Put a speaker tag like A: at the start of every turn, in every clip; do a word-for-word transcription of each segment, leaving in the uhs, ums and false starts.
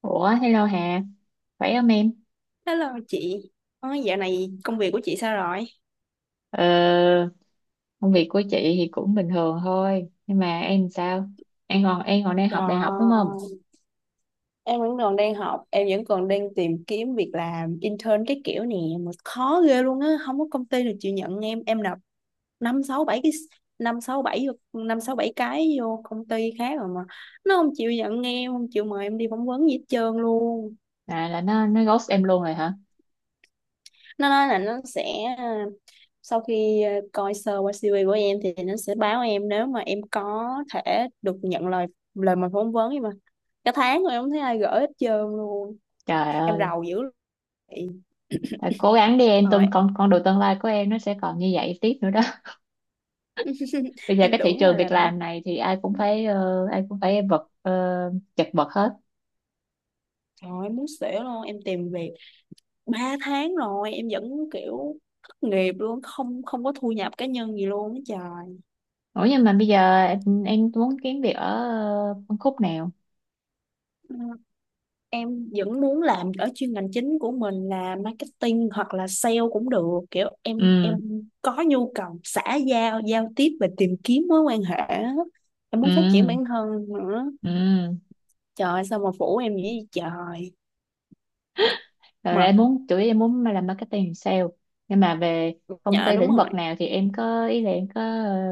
A: Ủa, hello Hà, khỏe không em?
B: Hello chị. Ờ, dạo này công việc của chị sao rồi?
A: Ờ, công việc của chị thì cũng bình thường thôi, nhưng mà em sao? Em còn em còn đang
B: Dạ,
A: học đại học đúng không?
B: em vẫn còn đang học, em vẫn còn đang tìm kiếm việc làm intern cái kiểu nè, mà khó ghê luôn á, không có công ty nào chịu nhận em, em nộp năm sáu bảy cái năm sáu bảy năm sáu bảy cái vô công ty khác rồi mà nó không chịu nhận em, không chịu mời em đi phỏng vấn gì hết trơn luôn.
A: À, là nó nó ghost em luôn rồi hả?
B: Nó nói là nó sẽ sau khi ờ, coi sơ qua si vi của em thì nó sẽ báo em nếu mà em có thể được nhận lời lời mời phỏng vấn, nhưng mà cả tháng rồi em không thấy ai gửi hết trơn luôn.
A: Trời
B: Em
A: ơi,
B: rầu dữ lắm
A: phải cố gắng đi em,
B: rồi.
A: tương con con đường tương lai của em nó sẽ còn như vậy tiếp nữa đó. Bây giờ
B: Em
A: cái thị
B: tưởng là
A: trường việc
B: làm
A: làm
B: marketing.
A: này thì ai cũng phải ờ, ai cũng phải vật ờ, chật vật hết.
B: Trời ơi, em muốn xỉu luôn. Em tìm việc ba tháng rồi em vẫn kiểu thất nghiệp luôn, không không có thu nhập cá nhân gì luôn á trời.
A: Ủa, nhưng mà bây giờ em, em muốn kiếm việc ở ờ, phân khúc nào?
B: Ừ. Em vẫn muốn làm ở chuyên ngành chính của mình là marketing, hoặc là sale cũng được, kiểu em em
A: Ừ.
B: có nhu cầu xã giao giao tiếp và tìm kiếm mối quan hệ á. Em muốn phát triển
A: Ừ.
B: bản thân nữa.
A: Ừ.
B: Trời ơi, sao mà phủ em vậy trời.
A: Rồi
B: Mà
A: em muốn chủ yếu em muốn làm marketing sale, nhưng mà về công
B: nhờ
A: ty
B: đúng
A: lĩnh
B: rồi.
A: vực nào thì em có ý là em có ờ,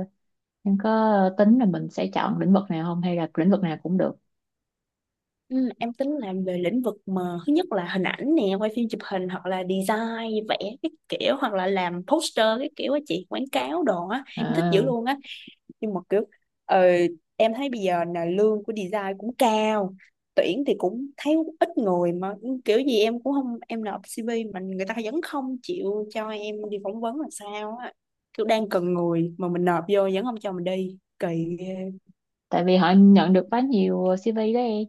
A: em có tính là mình sẽ chọn lĩnh vực nào không hay là lĩnh vực nào cũng được.
B: Ừ, em tính làm về lĩnh vực mà thứ nhất là hình ảnh nè, quay phim chụp hình, hoặc là design vẽ cái kiểu, hoặc là làm poster cái kiểu á chị, quảng cáo đồ á em thích dữ
A: À,
B: luôn á. Nhưng mà kiểu, ờ, em thấy bây giờ là lương của design cũng cao, tuyển thì cũng thấy ít người. Mà ừ, kiểu gì em cũng không, em nộp xê vê mà người ta vẫn không chịu cho em đi phỏng vấn là sao á, kiểu đang cần người mà mình nộp vô vẫn không cho mình đi, kỳ ghê.
A: tại vì họ nhận được quá nhiều xi vi đó em.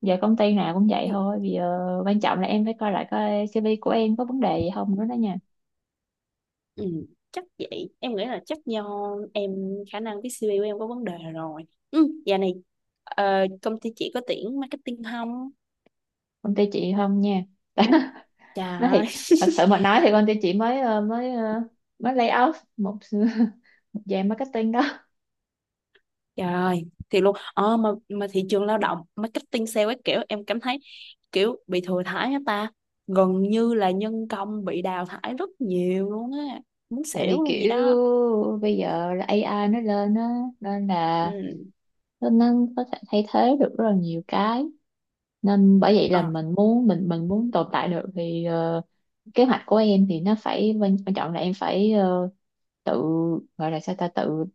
A: Giờ công ty nào cũng vậy
B: Ừ,
A: thôi, bây giờ quan trọng là em phải coi lại coi xi vi của em có vấn đề gì không nữa đó nha.
B: ừ, chắc vậy, em nghĩ là chắc do em khả năng viết si vi của em có vấn đề rồi. Ừ, giờ này ờ, công ty chị có tuyển marketing không
A: Công ty chị không nha. Nói thiệt,
B: trời?
A: thật sự mà nói thì công ty chị mới ờ, mới ờ, mới lay off một một dàn marketing đó.
B: Trời ơi, thiệt luôn. Ờ, mà, mà thị trường lao động, marketing sale ấy, kiểu em cảm thấy kiểu bị thừa thãi á ta. Gần như là nhân công bị đào thải rất nhiều luôn á. Muốn
A: Tại vì
B: xỉu luôn gì
A: kiểu
B: đó.
A: bây giờ là a i nó lên á, nên là
B: Ừ.
A: nó nó có thể thay thế được rất là nhiều cái, nên bởi vậy
B: Ờ,
A: là mình muốn mình mình muốn tồn tại được thì ờ, kế hoạch của em thì nó phải, quan quan trọng là em phải ờ, tự, gọi là sao ta, tự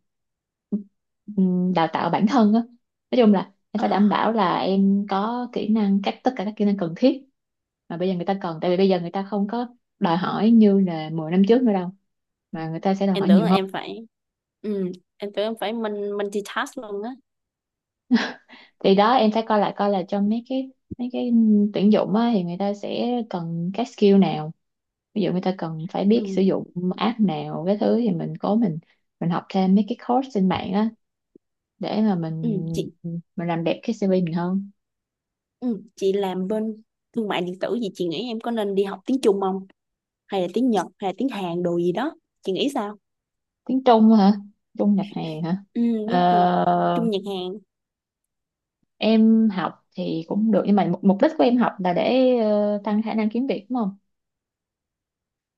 A: ừm, đào tạo bản thân á. Nói chung là em
B: ờ.
A: phải đảm bảo là em có kỹ năng, các tất cả các kỹ năng cần thiết mà bây giờ người ta cần, tại vì bây giờ người ta không có đòi hỏi như là mười năm trước nữa đâu, mà người ta sẽ đòi
B: Em
A: hỏi
B: tưởng
A: nhiều
B: là
A: hơn.
B: em phải... Ừ. Em tưởng em phải mình multitask luôn á.
A: Thì đó, em phải coi lại coi là trong mấy cái mấy cái tuyển dụng á, thì người ta sẽ cần các skill nào. Ví dụ người ta cần phải biết sử
B: Ừ.
A: dụng app nào cái thứ, thì mình cố mình mình học thêm mấy cái course trên mạng á để mà mình
B: Ừ. Chị,
A: mình làm đẹp cái xi vi mình hơn.
B: ừ. Chị làm bên thương mại điện tử gì, chị nghĩ em có nên đi học tiếng Trung không? Hay là tiếng Nhật, hay là tiếng Hàn đồ gì đó. Chị nghĩ sao?
A: Tiếng Trung hả? Trung nhập hàng hả?
B: Ừ, tiếng Trung.
A: Ờ,
B: Trung Nhật Hàn.
A: em học thì cũng được, nhưng mà mục, mục đích của em học là để ờ, tăng khả năng kiếm việc đúng không,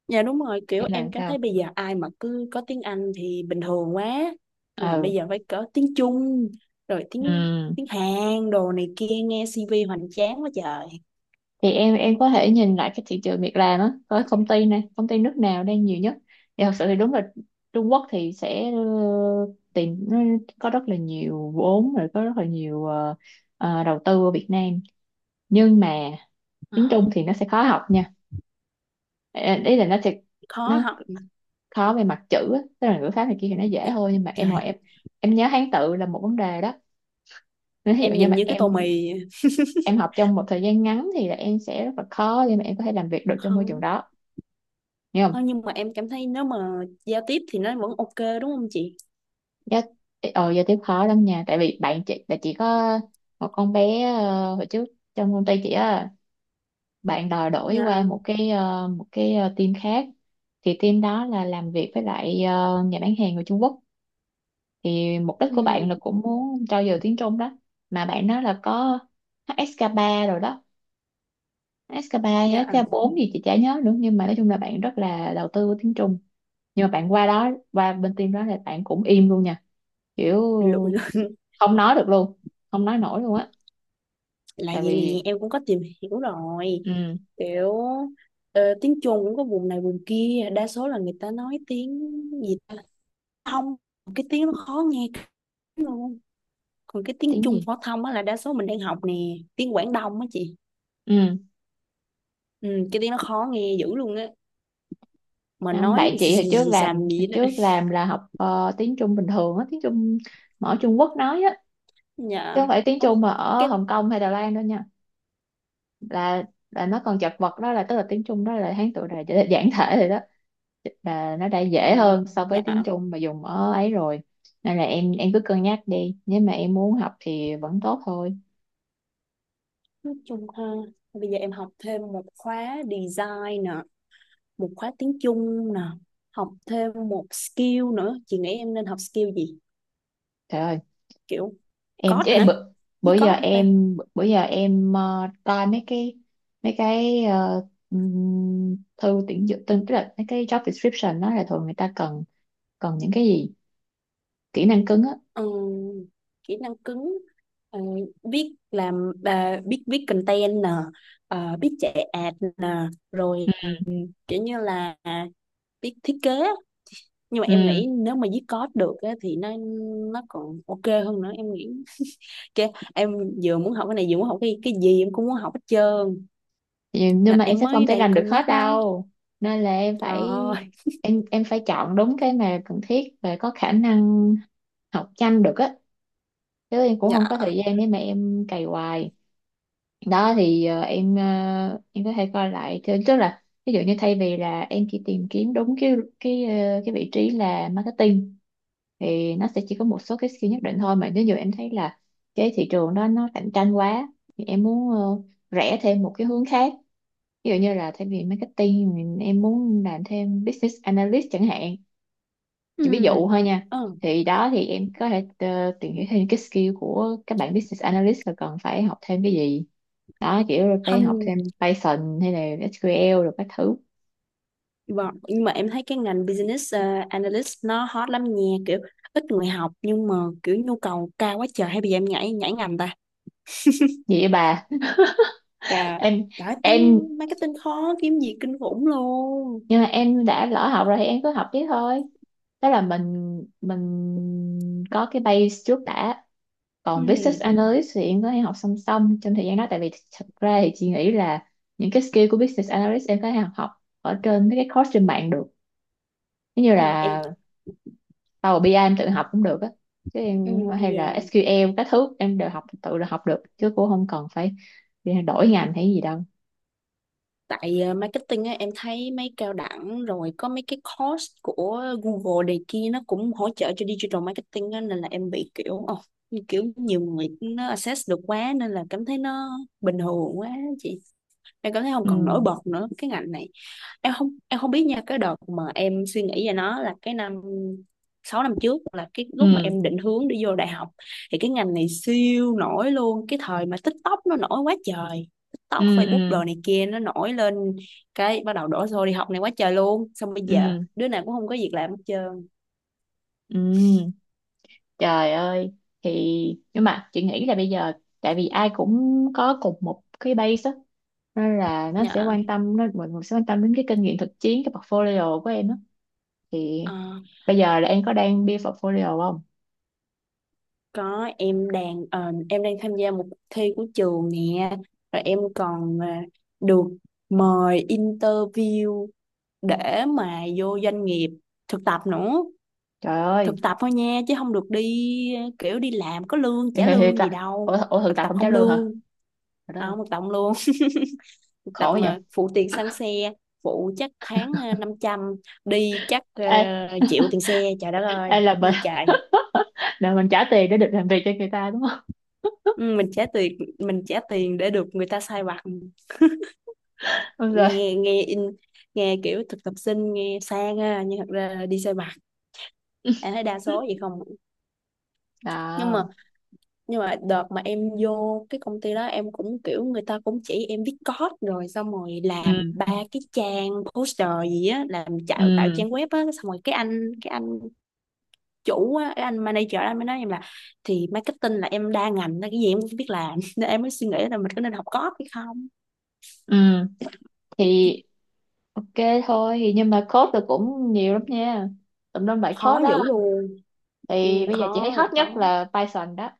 B: Dạ đúng rồi,
A: hay
B: kiểu em
A: là
B: cảm thấy
A: sao?
B: bây giờ ai mà cứ có tiếng Anh thì bình thường quá. Nên
A: Ừ.
B: bây giờ phải có tiếng Trung, rồi tiếng
A: Ừ.
B: tiếng Hàn, đồ này kia, nghe si vi hoành tráng quá trời.
A: Thì em em có thể nhìn lại cái thị trường việc làm á, có công ty này công ty nước nào đang nhiều nhất. Thì thật sự thì đúng là Trung Quốc thì sẽ ờ, tìm, nó có rất là nhiều vốn, rồi có rất là nhiều ờ, ờ, đầu tư ở Việt Nam, nhưng mà tiếng Trung thì nó sẽ khó học nha. Ờ, ý là nó sẽ
B: Khó
A: nó
B: học.
A: khó về mặt chữ á. Tức là ngữ pháp này kia thì nó dễ thôi, nhưng mà em ngồi,
B: Trời,
A: em em nhớ Hán tự là một vấn đề đó. Nếu ví dụ
B: em
A: như
B: nhìn
A: mà
B: như cái tô
A: em
B: mì.
A: em học trong một thời gian ngắn thì là em sẽ rất là khó, nhưng mà em có thể làm việc được trong môi trường
B: Không,
A: đó. Nhưng mà
B: không, nhưng mà em cảm thấy nếu mà giao tiếp thì nó vẫn ok, đúng không chị?
A: dạ, ờ, giờ tiếp khó lắm nha, tại vì bạn chị là chỉ có một con bé ờ, hồi trước trong công ty chị á, bạn đòi đổi
B: Dạ,
A: qua một cái ờ, một cái ờ, team khác. Thì team đó là làm việc với lại ờ, nhà bán hàng người Trung Quốc, thì mục đích của bạn
B: ừ,
A: là cũng muốn trau dồi tiếng Trung đó. Mà bạn nói là có hát ét ca ba rồi đó, hát ét ca ba với
B: dạ,
A: hát ét ca bốn gì chị chả nhớ nữa, nhưng mà nói chung là bạn rất là đầu tư vào tiếng Trung. Nhưng mà bạn qua đó, qua bên team đó là bạn cũng im luôn nha, kiểu
B: lụi.
A: không nói được luôn, không nói nổi luôn á,
B: Là
A: tại
B: vậy nè,
A: vì
B: em cũng có tìm hiểu rồi,
A: ừ,
B: kiểu ờ, tiếng Trung cũng có vùng này vùng kia, đa số là người ta nói tiếng gì ta, thông, cái tiếng nó khó nghe lắm luôn. Còn cái tiếng
A: tiếng
B: Trung
A: gì.
B: phổ thông á là đa số mình đang học nè, tiếng Quảng Đông á chị.
A: Ừ.
B: Ừ, cái tiếng nó khó nghe dữ luôn á, mà
A: Không,
B: nói
A: bạn
B: xì
A: chị
B: xì
A: hồi trước
B: xì
A: làm,
B: xàm gì
A: hồi
B: đó.
A: trước làm là học ờ, tiếng Trung bình thường á, tiếng Trung mà ở Trung Quốc nói á, chứ
B: Dạ.
A: không phải tiếng
B: Ôi,
A: Trung mà ở
B: cái
A: Hồng Kông hay Đài Loan đâu nha. là là nó còn chật vật đó, là tức là tiếng Trung đó là Hán tự đài giản thể rồi đó, là nó đã
B: ờ,
A: dễ hơn so với
B: dạ,
A: tiếng Trung mà dùng ở ấy rồi. Nên là em em cứ cân nhắc đi, nếu mà em muốn học thì vẫn tốt thôi.
B: nói chung ha, bây giờ em học thêm một khóa design nè, một khóa tiếng Trung nè, học thêm một skill nữa, chị nghĩ em nên học skill gì?
A: Trời ơi,
B: Kiểu
A: em
B: code
A: chứ em
B: hả,
A: bữa,
B: viết
A: bữa giờ
B: code hả ta?
A: em bữa giờ em ờ, coi mấy cái, mấy cái ờ, ừm, thư tuyển dụng, tức tức là mấy cái job description đó là thường người ta cần cần những cái gì, kỹ năng cứng á.
B: Ừ, kỹ năng cứng, ờ, biết làm à, biết viết content nè, ờ, biết chạy ad nè,
A: Ừ.
B: rồi kiểu như là biết thiết kế. Nhưng mà em
A: Ừ.
B: nghĩ nếu mà viết code được á, thì nó nó còn ok hơn nữa, em nghĩ. Chứ em vừa muốn học cái này, vừa muốn học cái cái gì em cũng muốn học hết trơn.
A: Vậy, nhưng
B: Nên
A: mà em
B: em
A: sẽ không
B: mới
A: thể
B: đang
A: làm được
B: cân
A: hết
B: nhắc đó,
A: đâu, nên là em
B: trời
A: phải,
B: ơi.
A: em em phải chọn đúng cái mà cần thiết và có khả năng học nhanh được á, chứ em cũng
B: Dạ.
A: không có thời gian để mà em cày hoài đó. Thì ờ, em ờ, em có thể coi lại Thế- tức là, ví dụ như thay vì là em chỉ tìm kiếm đúng cái cái ờ, cái vị trí là marketing, thì nó sẽ chỉ có một số cái skill nhất định thôi, mà nếu như em thấy là cái thị trường đó nó cạnh tranh quá, thì em muốn ờ, rẽ thêm một cái hướng khác, ví dụ như là thay vì marketing thì em muốn làm thêm business analyst chẳng hạn,
B: Ừ.
A: chỉ ví dụ thôi nha.
B: Ừ.
A: Thì đó, thì em có thể ờ, tìm hiểu thêm cái skill của các bạn business analyst là cần phải học thêm cái gì đó kiểu, rồi phải học
B: Không,
A: thêm Python hay là sequel rồi các thứ.
B: vâng. Nhưng mà em thấy cái ngành business, ờ, analyst nó hot lắm nha, kiểu ít người học nhưng mà kiểu nhu cầu cao quá trời, hay bây giờ em nhảy nhảy ngành ta
A: Gì vậy bà?
B: trời?
A: em
B: Trời ơi, kiếm
A: em
B: marketing khó kiếm gì kinh khủng luôn.
A: nhưng mà em đã lỡ học rồi thì em cứ học tiếp thôi. Đó là mình mình có cái base trước đã.
B: Ừ.
A: Còn business analyst thì em có thể học song song trong thời gian đó, tại vì thật ra thì chị nghĩ là những cái skill của business analyst em có thể học học ở trên mấy cái course trên mạng được. Giống như
B: Ồ, em
A: là tao Power bi ai em tự học cũng được á, chứ
B: ừ,
A: em hay là
B: yeah.
A: sequel các thứ em đều học tự là học được, chứ cũng không cần phải đi đổi ngành hay gì đâu.
B: Tại ờ, marketing á, em thấy mấy cao đẳng rồi có mấy cái course của Google này kia, nó cũng hỗ trợ cho digital marketing á, nên là em bị kiểu ồ, như kiểu nhiều người nó access được quá, nên là cảm thấy nó bình thường quá chị. Em cảm thấy không còn nổi
A: Ừ.
B: bật nữa cái ngành này. Em không em không biết nha, cái đợt mà em suy nghĩ về nó là cái năm sáu năm trước, là cái lúc mà
A: Ừ.
B: em định hướng đi vô đại học, thì cái ngành này siêu nổi luôn. Cái thời mà TikTok nó nổi quá trời, TikTok
A: Ừ.
B: Facebook
A: Ừ.
B: đồ này kia nó nổi lên, cái bắt đầu đổ xô đi học này quá trời luôn, xong bây giờ
A: Ừ.
B: đứa nào cũng không có việc làm hết trơn.
A: Ừ. Trời ơi. Thì nhưng mà chị nghĩ là bây giờ, tại vì ai cũng có cùng một cái base á, nên là nó sẽ
B: Dạ.
A: quan tâm, nó, mọi người sẽ quan tâm đến cái kinh nghiệm thực chiến, cái portfolio của em á. Thì
B: Ờ,
A: bây giờ là em có đang build portfolio không?
B: có. Em đang ờ, em đang tham gia một cuộc thi của trường nè, rồi em còn ờ, được mời interview để mà vô doanh nghiệp thực tập nữa.
A: Trời
B: Thực
A: ơi.
B: tập thôi nha, chứ không được đi ờ, kiểu đi làm có lương, trả lương gì
A: Ủa,
B: đâu.
A: th- ủa, thực
B: Thực
A: tập
B: tập
A: không trả
B: không
A: lương hả?
B: lương
A: Trời đất
B: à?
A: ơi.
B: Không, thực tập không lương, thực tập
A: Khổ vậy.
B: mà phụ tiền xăng xe, phụ chắc tháng ờ, năm trăm, đi chắc ờ,
A: Ai,
B: chịu tiền xe. Trời đất ơi,
A: ai là mình,
B: gì trời.
A: là mình trả tiền để được làm việc cho người ta đúng không?
B: Ừ, mình trả tiền mình trả tiền để được người ta sai vặt.
A: Đúng rồi.
B: Nghe nghe in Nghe kiểu thực tập sinh nghe sang ha, nhưng thật ra đi sai vặt, em thấy đa số vậy không? nhưng mà
A: À.
B: nhưng mà đợt mà em vô cái công ty đó, em cũng kiểu, người ta cũng chỉ em viết code, rồi xong rồi
A: Ừ.
B: làm ba cái trang poster gì á, làm tạo tạo
A: Ừ.
B: trang web á, xong rồi cái anh cái anh chủ á, cái anh manager anh mới nói em là thì marketing là em đa ngành nên cái gì em cũng biết làm. Nên em mới suy nghĩ là mình có nên học code hay không.
A: Ừ. Thì ok, thôi thì, nhưng mà code thì cũng nhiều lắm nha, tùm lum bài code
B: Khó
A: đó.
B: dữ luôn.
A: Thì
B: Ừ,
A: bây giờ chị thấy
B: khó
A: hot
B: là
A: nhất
B: khó.
A: là Python đó.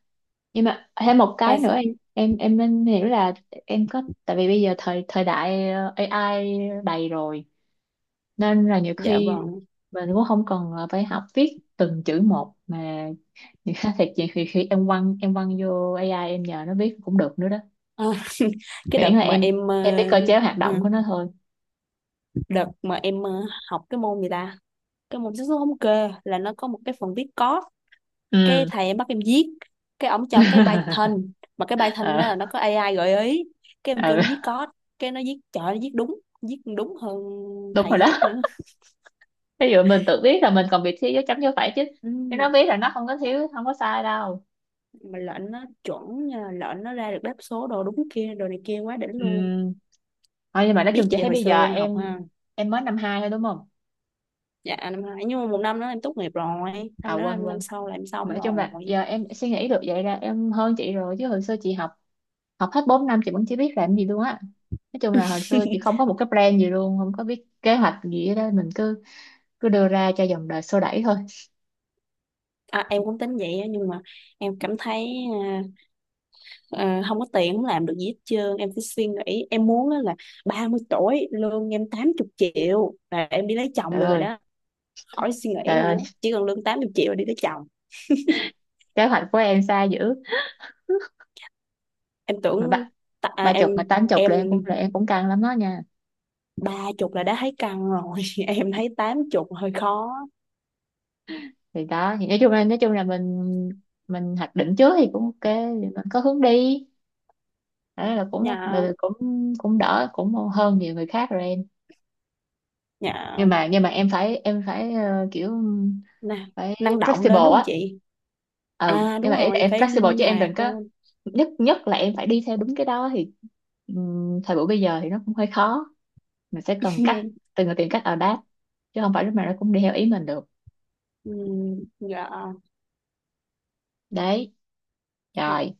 A: Nhưng mà thêm một
B: ba
A: cái nữa,
B: sa-
A: em em em nên hiểu là em có, tại vì bây giờ thời thời đại ờ, a i đầy rồi, nên là nhiều
B: dạ
A: khi
B: vâng.
A: mình cũng không cần là phải học viết từng chữ một mà. Thì khác thiệt, chị thì khi em quăng em quăng vô a i, em nhờ nó viết cũng được nữa đó,
B: À, cái đợt
A: miễn là
B: mà
A: em
B: em ờ,
A: em biết cơ chế hoạt
B: ừ,
A: động của nó thôi.
B: đợt mà em ờ, học cái môn gì ta, cái môn xác suất thống kê là nó có một cái phần viết code. Cái
A: Ừ.
B: thầy em bắt em viết, cái ổng cho cái Python, mà cái Python
A: Ờ.
B: đó là nó có a i gợi ý. Cái em kêu
A: Ờ,
B: nó viết code, cái nó viết, trời, nó viết đúng, viết còn đúng hơn
A: đúng
B: thầy
A: rồi đó.
B: viết nữa.
A: Ví dụ mình tự biết là mình còn bị thiếu dấu chấm, dấu phẩy, chứ
B: Ừ,
A: chứ nó biết là nó không có
B: đó.
A: thiếu, không có sai đâu.
B: Mà lệnh nó chuẩn nha, lệnh nó ra được đáp số đồ đúng kia, đồ này kia, quá đỉnh luôn.
A: Ừ. Thôi, nhưng mà nói chung
B: Biết
A: chị
B: gì
A: thấy
B: hồi
A: bây giờ
B: xưa em học
A: em
B: ha.
A: em mới năm hai thôi đúng không?
B: Dạ năm hai, nhưng mà một năm đó em tốt nghiệp rồi,
A: À,
B: năm đó
A: quên
B: em năm
A: quên.
B: sau là em
A: Mà
B: xong
A: nói chung là
B: rồi.
A: giờ em suy nghĩ được vậy là em hơn chị rồi, chứ hồi xưa chị học, học hết bốn năm chị vẫn chưa biết làm gì luôn á. Nói chung là hồi xưa chị không có một cái plan gì luôn, không có biết kế hoạch gì hết đó, mình cứ cứ đưa ra cho dòng đời xô đẩy thôi.
B: À, em cũng tính vậy á, nhưng mà em cảm thấy à, à, không có tiền không làm được gì hết trơn. Em cứ suy nghĩ em muốn á là ba mươi tuổi lương em tám mươi triệu là em đi lấy chồng
A: Trời
B: được rồi
A: ơi.
B: đó, khỏi suy nghĩ
A: Trời ơi,
B: nữa, chỉ cần lương tám mươi triệu là đi lấy chồng.
A: kế hoạch của em xa dữ.
B: Em
A: Mà
B: tưởng
A: ba
B: ta, à,
A: ba
B: em
A: chục mà tám chục
B: em
A: là em cũng, là em cũng căng lắm đó nha.
B: ba chục là đã thấy căng rồi. Em thấy tám chục hơi khó.
A: Thì đó, thì nói chung là, nói chung là mình mình hoạch định trước thì cũng ok, thì mình có hướng đi, đó là cũng
B: nhà
A: là cũng cũng đỡ, cũng hơn nhiều người khác rồi em.
B: nhà
A: Nhưng mà, nhưng mà em phải, em phải ờ, kiểu
B: nè,
A: phải
B: năng động lên đúng
A: flexible
B: không
A: á.
B: chị?
A: Ừ,
B: À
A: nhưng
B: đúng
A: mà ý là
B: rồi,
A: em
B: phải
A: flexible
B: linh
A: chứ em đừng
B: hoạt
A: có
B: lên.
A: nhất, nhất là em phải đi theo đúng cái đó, thì ừm, thời buổi bây giờ thì nó cũng hơi khó, mình sẽ cần cách từng người tìm cách adapt, chứ không phải lúc nào nó cũng đi theo ý mình được.
B: Ừ, dạ.
A: Đấy.
B: Hàng
A: Rồi.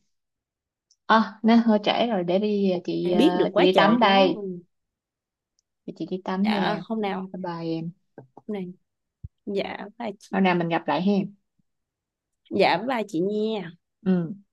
A: À, nó hơi trễ rồi, để đi ờ, chị,
B: biết
A: ờ,
B: được
A: chị
B: quá
A: đi tắm
B: trời chứ.
A: đây. Để chị đi tắm
B: Dạ
A: nha.
B: hôm nào,
A: Bye bye em.
B: hôm nào, dạ ba chị,
A: Hôm nào mình gặp lại hen.
B: dạ với ba chị nha.
A: Ừ.